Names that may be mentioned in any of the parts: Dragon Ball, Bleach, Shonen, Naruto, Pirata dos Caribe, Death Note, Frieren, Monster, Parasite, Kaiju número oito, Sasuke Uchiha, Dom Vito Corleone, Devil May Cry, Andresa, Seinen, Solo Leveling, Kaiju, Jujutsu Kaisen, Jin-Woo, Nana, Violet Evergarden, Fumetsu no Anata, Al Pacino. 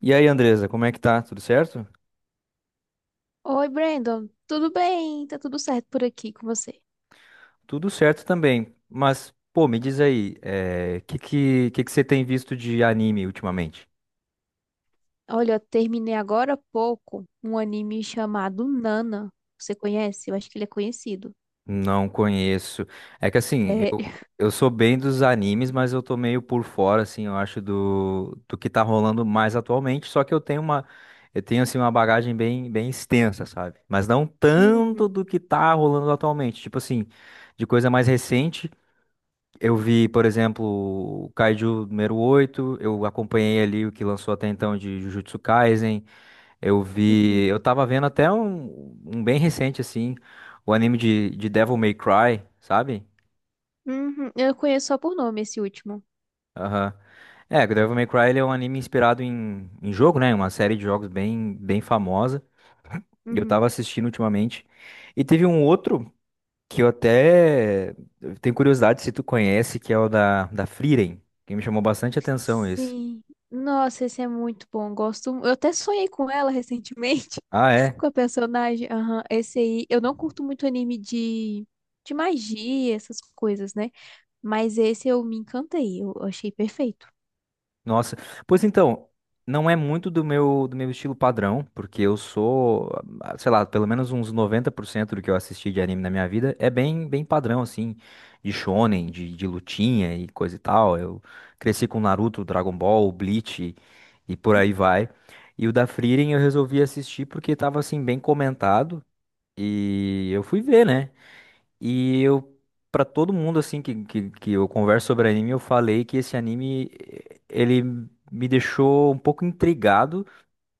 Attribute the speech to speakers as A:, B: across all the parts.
A: E aí, Andresa, como é que tá? Tudo certo?
B: Oi, Brandon. Tudo bem? Tá tudo certo por aqui com você?
A: Tudo certo também. Mas, pô, me diz aí, o que que você tem visto de anime ultimamente?
B: Olha, eu terminei agora há pouco um anime chamado Nana. Você conhece? Eu acho que ele é conhecido.
A: Não conheço. É que assim,
B: Sério?
A: eu sou bem dos animes, mas eu tô meio por fora, assim, eu acho, do que tá rolando mais atualmente. Só que eu tenho, assim, uma bagagem bem, bem extensa, sabe? Mas não tanto
B: Uhum,
A: do que tá rolando atualmente. Tipo assim, de coisa mais recente. Eu vi, por exemplo, o Kaiju número oito. Eu acompanhei ali o que lançou até então de Jujutsu Kaisen. Eu
B: uhum,
A: vi, eu tava vendo até um bem recente assim, o anime de Devil May Cry, sabe?
B: uhum. Eu conheço só por nome esse último.
A: Aham. É, o Devil May Cry ele é um anime inspirado em jogo, né? Uma série de jogos bem, bem famosa. E eu tava
B: Uhum.
A: assistindo ultimamente. E teve um outro que eu até tenho curiosidade se tu conhece, que é o da Frieren, que me chamou bastante atenção esse.
B: Sim. Nossa, esse é muito bom. Gosto. Eu até sonhei com ela recentemente,
A: Ah, é?
B: com a personagem. Aham. Esse aí, eu não curto muito anime de magia, essas coisas, né? Mas esse eu me encantei. Eu achei perfeito.
A: Nossa, pois então, não é muito do meu estilo padrão, porque eu sou, sei lá, pelo menos uns 90% do que eu assisti de anime na minha vida é bem bem padrão assim, de shonen, de lutinha e coisa e tal. Eu cresci com Naruto, Dragon Ball, Bleach e por aí vai. E o da Frieren eu resolvi assistir porque tava assim bem comentado e eu fui ver, né? E eu, pra todo mundo assim que eu converso sobre anime, eu falei que esse anime ele me deixou um pouco intrigado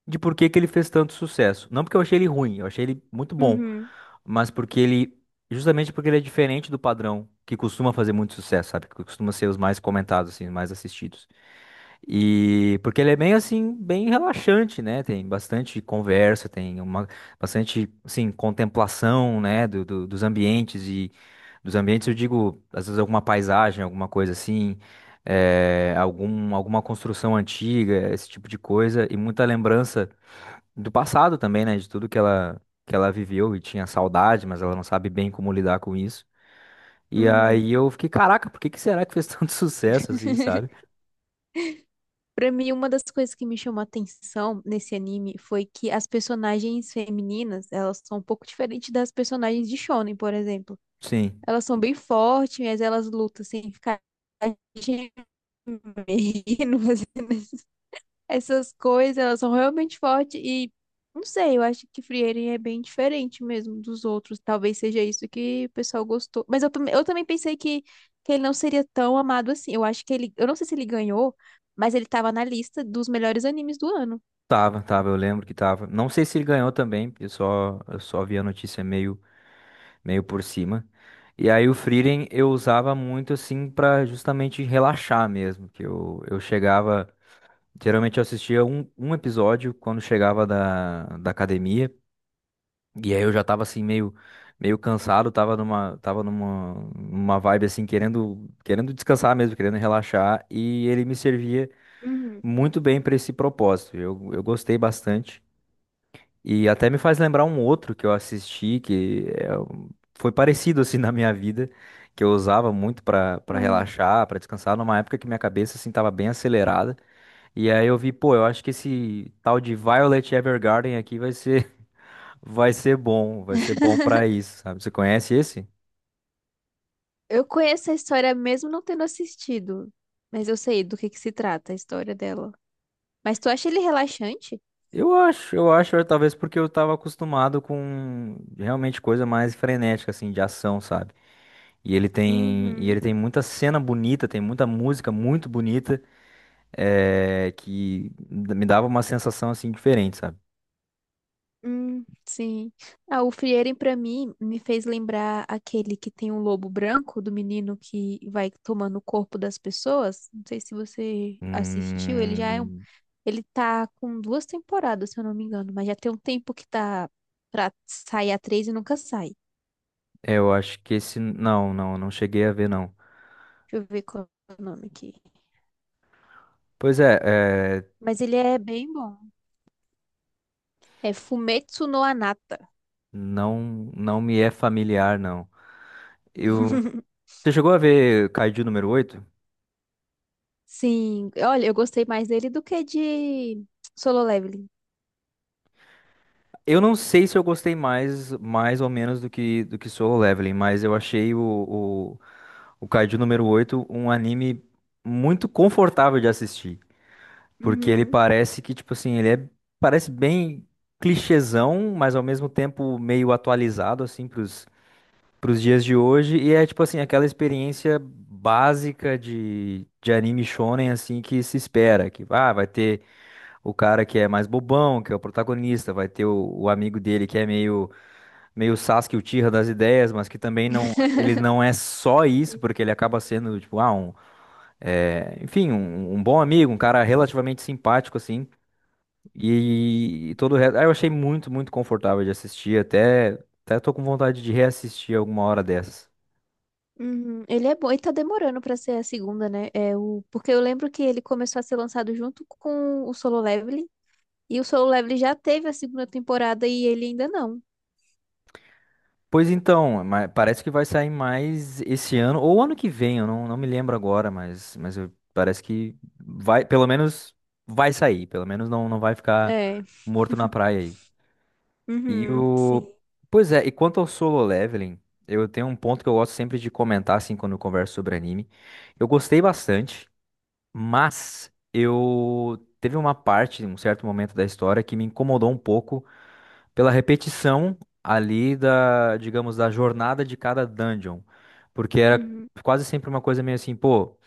A: de por que que ele fez tanto sucesso. Não porque eu achei ele ruim, eu achei ele muito bom,
B: Uhum,
A: mas porque ele, justamente porque ele é diferente do padrão que costuma fazer muito sucesso, sabe? Que costuma ser os mais comentados, assim, os mais assistidos. E porque ele é bem assim, bem relaxante, né? Tem bastante conversa, tem uma bastante, assim, contemplação, né? Dos ambientes e dos ambientes eu digo, às vezes alguma paisagem, alguma coisa assim, alguma construção antiga, esse tipo de coisa e muita lembrança do passado também, né? De tudo que ela viveu e tinha saudade, mas ela não sabe bem como lidar com isso. E
B: uhum.
A: aí eu fiquei, caraca, por que que será que fez tanto sucesso assim, sabe?
B: Pra mim, uma das coisas que me chamou a atenção nesse anime foi que as personagens femininas, elas são um pouco diferentes das personagens de Shonen, por exemplo.
A: Sim,
B: Elas são bem fortes, mas elas lutam sem ficar gemendo, assim. Essas coisas, elas são realmente fortes e não sei, eu acho que Frieren é bem diferente mesmo dos outros. Talvez seja isso que o pessoal gostou. Mas eu também pensei que ele não seria tão amado assim. Eu acho que ele, eu não sei se ele ganhou, mas ele tava na lista dos melhores animes do ano.
A: tava, tava, eu lembro que tava. Não sei se ele ganhou também, eu só vi a notícia meio por cima. E aí o Frieren eu usava muito assim pra justamente relaxar mesmo, que eu chegava, geralmente eu assistia um episódio quando chegava da academia. E aí eu já tava assim meio cansado, tava numa vibe assim querendo descansar mesmo, querendo relaxar e ele me servia
B: Uhum.
A: muito bem para esse propósito. Eu gostei bastante e até me faz lembrar um outro que eu assisti que é foi parecido assim na minha vida, que eu usava muito para
B: Aham.
A: relaxar, para descansar numa época que minha cabeça assim tava bem acelerada. E aí eu vi, pô, eu acho que esse tal de Violet Evergarden aqui vai ser vai ser bom pra isso, sabe? Você conhece esse?
B: Eu conheço a história mesmo não tendo assistido, mas eu sei do que se trata a história dela. Mas tu acha ele relaxante?
A: Eu acho, é, talvez porque eu tava acostumado com realmente coisa mais frenética assim, de ação, sabe? E ele tem, e ele
B: Uhum.
A: tem muita cena bonita, tem muita música muito bonita, é, que me dava uma sensação assim diferente, sabe?
B: Sim. Ah, o Frieren, pra mim, me fez lembrar aquele que tem um lobo branco, do menino que vai tomando o corpo das pessoas. Não sei se você assistiu, ele já é um...
A: Hum,
B: Ele tá com duas temporadas, se eu não me engano, mas já tem um tempo que tá pra sair a três e nunca sai.
A: eu acho que esse, não, não, não cheguei a ver não.
B: Deixa eu ver qual é o nome aqui.
A: Pois é, é,
B: Mas ele é bem bom. É Fumetsu no Anata.
A: Não, não me é familiar, não. Eu, você chegou a ver Kaiju número oito?
B: Sim, olha, eu gostei mais dele do que de Solo Leveling.
A: Eu não sei se eu gostei mais ou menos do que Solo Leveling, mas eu achei o Kaiju número oito um anime muito confortável de assistir. Porque ele
B: Uhum.
A: parece que, tipo assim, parece bem clichêzão, mas ao mesmo tempo meio atualizado, assim, pros dias de hoje. E é tipo assim, aquela experiência básica de anime shonen assim que se espera, que vai ter o cara que é mais bobão, que é o protagonista, vai ter o amigo dele que é meio Sasuke Uchiha das ideias, mas que também não ele não é só isso, porque ele acaba sendo tipo, enfim, um bom amigo, um cara relativamente simpático assim. E todo o resto, eu achei muito, muito confortável de assistir, até tô com vontade de reassistir alguma hora dessas.
B: Uhum. Ele é bom e tá demorando pra ser a segunda, né? É o... Porque eu lembro que ele começou a ser lançado junto com o Solo Leveling. E o Solo Leveling já teve a segunda temporada e ele ainda não.
A: Pois então, parece que vai sair mais esse ano ou ano que vem, eu não me lembro agora, parece que vai, pelo menos vai sair, pelo menos não vai ficar
B: É.
A: morto na praia aí. E
B: Uhum, sim.
A: o. Pois é, e quanto ao Solo Leveling, eu tenho um ponto que eu gosto sempre de comentar, assim, quando eu converso sobre anime. Eu gostei bastante. Mas eu. Teve uma parte, um certo momento da história que me incomodou um pouco pela repetição ali da, digamos, da jornada de cada dungeon. Porque era
B: Uhum,
A: quase sempre uma coisa meio assim, pô,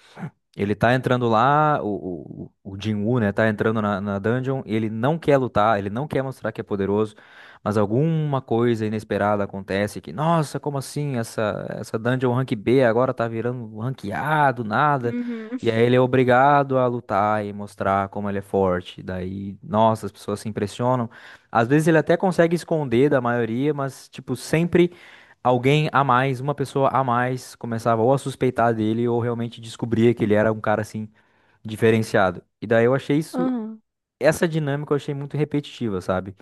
A: ele tá entrando lá, o Jin-Woo, né, tá entrando na dungeon, ele não quer lutar, ele não quer mostrar que é poderoso, mas alguma coisa inesperada acontece que, nossa, como assim, essa dungeon rank B agora tá virando rank A do nada,
B: uhum,
A: e aí ele é obrigado a lutar e mostrar como ele é forte, daí, nossa, as pessoas se impressionam, às vezes ele até consegue esconder da maioria, mas, tipo, sempre alguém a mais, uma pessoa a mais, começava ou a suspeitar dele ou realmente descobria que ele era um cara assim diferenciado. E daí eu achei isso,
B: uhum.
A: essa dinâmica eu achei muito repetitiva, sabe?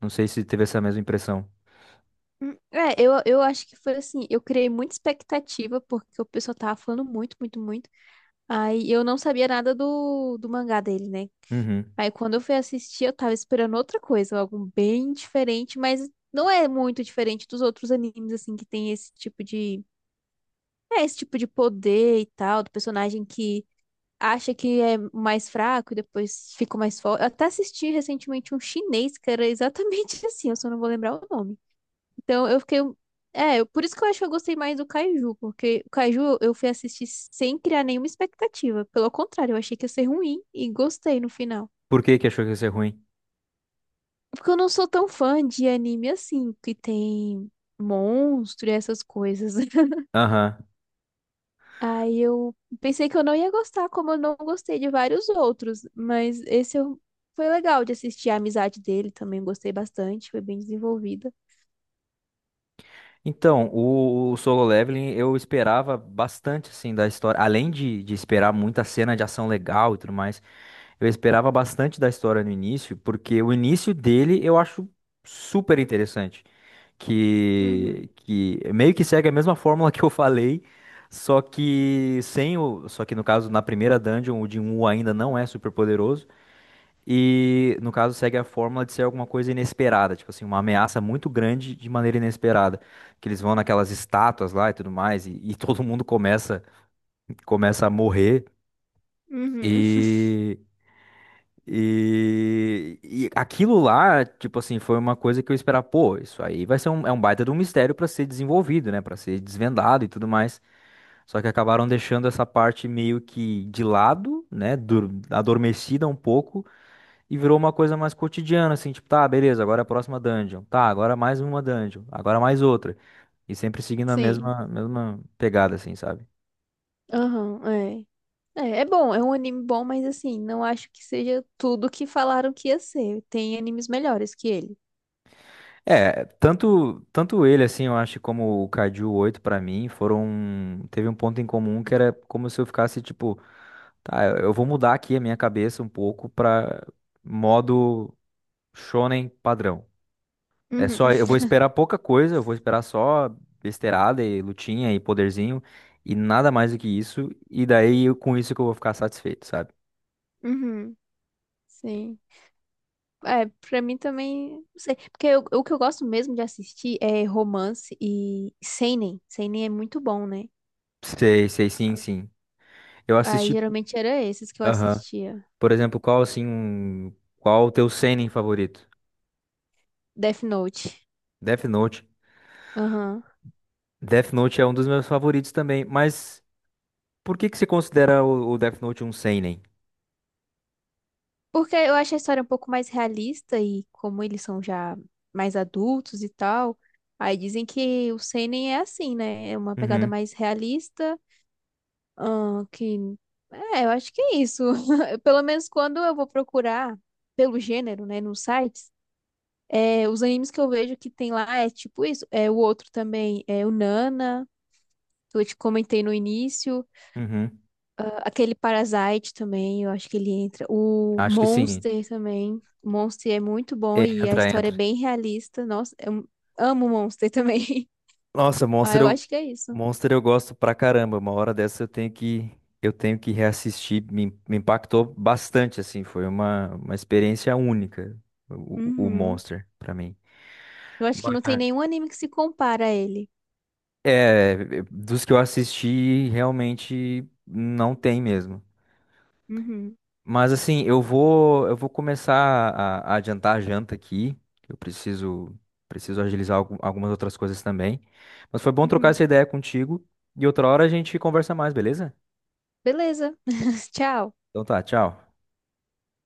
A: Não sei se teve essa mesma impressão.
B: Hum. É, eu acho que foi assim. Eu criei muita expectativa porque o pessoal tava falando muito, muito, muito. Aí eu não sabia nada do mangá dele, né?
A: Uhum.
B: Aí quando eu fui assistir, eu tava esperando outra coisa, algo bem diferente, mas não é muito diferente dos outros animes, assim, que tem esse tipo de. É, esse tipo de poder e tal, do personagem que acha que é mais fraco e depois fica mais forte. Eu até assisti recentemente um chinês que era exatamente assim, eu só não vou lembrar o nome. Então eu fiquei. Um, é, eu- por isso que eu acho que eu gostei mais do Kaiju, porque o Kaiju eu fui assistir sem criar nenhuma expectativa. Pelo contrário, eu achei que ia ser ruim e gostei no final.
A: Por que que achou que ia ser ruim?
B: Porque eu não sou tão fã de anime assim, que tem monstro e essas coisas.
A: Aham.
B: Aí eu pensei que eu não ia gostar, como eu não gostei de vários outros. Mas esse eu... foi legal de assistir a amizade dele também, gostei bastante, foi bem desenvolvida.
A: Então, o Solo Leveling eu esperava bastante assim da história, além de esperar muita cena de ação legal e tudo mais, eu esperava bastante da história no início, porque o início dele eu acho super interessante. que,
B: Uhum.
A: que meio que segue a mesma fórmula que eu falei, só que no caso na primeira dungeon o Jinwoo ainda não é super poderoso e no caso segue a fórmula de ser alguma coisa inesperada, tipo assim, uma ameaça muito grande de maneira inesperada, que eles vão naquelas estátuas lá e tudo mais e todo mundo começa a morrer.
B: Uhum.
A: E, e aquilo lá, tipo assim, foi uma coisa que eu esperava, pô, isso aí vai ser é um baita de um mistério pra ser desenvolvido, né, pra ser desvendado e tudo mais. Só que acabaram deixando essa parte meio que de lado, né, adormecida um pouco e virou uma coisa mais cotidiana, assim, tipo, tá, beleza, agora é a próxima dungeon. Tá, agora é mais uma dungeon, agora é mais outra. E sempre seguindo a
B: Sim.
A: mesma pegada assim, sabe?
B: Aham, é. É, é bom, é um anime bom, mas assim, não acho que seja tudo que falaram que ia ser. Tem animes melhores que ele.
A: É, tanto ele, assim, eu acho, como o Caju 8 pra mim, foram. Teve um ponto em comum que era como se eu ficasse, tipo, tá, eu vou mudar aqui a minha cabeça um pouco pra modo shonen padrão. É
B: Uhum,
A: só, eu vou esperar pouca coisa, eu vou esperar só besteirada e lutinha e poderzinho e nada mais do que isso, e com isso que eu vou ficar satisfeito, sabe?
B: uhum. Sim. É, pra mim também, não sei. Porque eu- o que eu gosto mesmo de assistir é romance e seinen. Seinen é muito bom, né?
A: Sei, sei, sim, sim. Eu
B: Aí
A: assisti.
B: geralmente era esses que eu
A: Aham.
B: assistia.
A: Por exemplo, qual o teu seinen favorito?
B: Death Note.
A: Death Note.
B: Aham.
A: Death Note é um dos meus favoritos também, mas por que que você considera o Death Note um seinen?
B: Porque eu acho a história um pouco mais realista e como eles são já mais adultos e tal, aí dizem que o seinen é assim, né? É uma pegada
A: Uhum,
B: mais realista, que... É, eu acho que é isso. Pelo menos quando eu vou procurar pelo gênero, né, nos sites, é, os animes que eu vejo que tem lá é tipo isso. É, o outro também é o Nana, que eu te comentei no início.
A: uhum.
B: Ah, aquele Parasite também, eu acho que ele entra. O
A: Acho que sim.
B: Monster também. O Monster é muito bom
A: É,
B: e a
A: entra,
B: história é
A: entra.
B: bem realista. Nossa, eu amo o Monster também.
A: Nossa,
B: Ah,
A: Monster
B: eu
A: eu,
B: acho que é isso.
A: Monster eu gosto pra caramba. Uma hora dessa eu tenho que reassistir. Me impactou bastante, assim. Foi uma experiência única, o
B: Uhum.
A: Monster, pra mim.
B: Eu acho que
A: Mas,
B: não tem nenhum anime que se compara a ele.
A: é, dos que eu assisti, realmente não tem mesmo.
B: Uhum.
A: Mas assim, eu vou começar a adiantar a janta aqui. Que eu preciso agilizar algumas outras coisas também. Mas foi bom trocar
B: Uhum.
A: essa ideia contigo e outra hora a gente conversa mais, beleza?
B: Beleza. Tchau.
A: Então tá, tchau.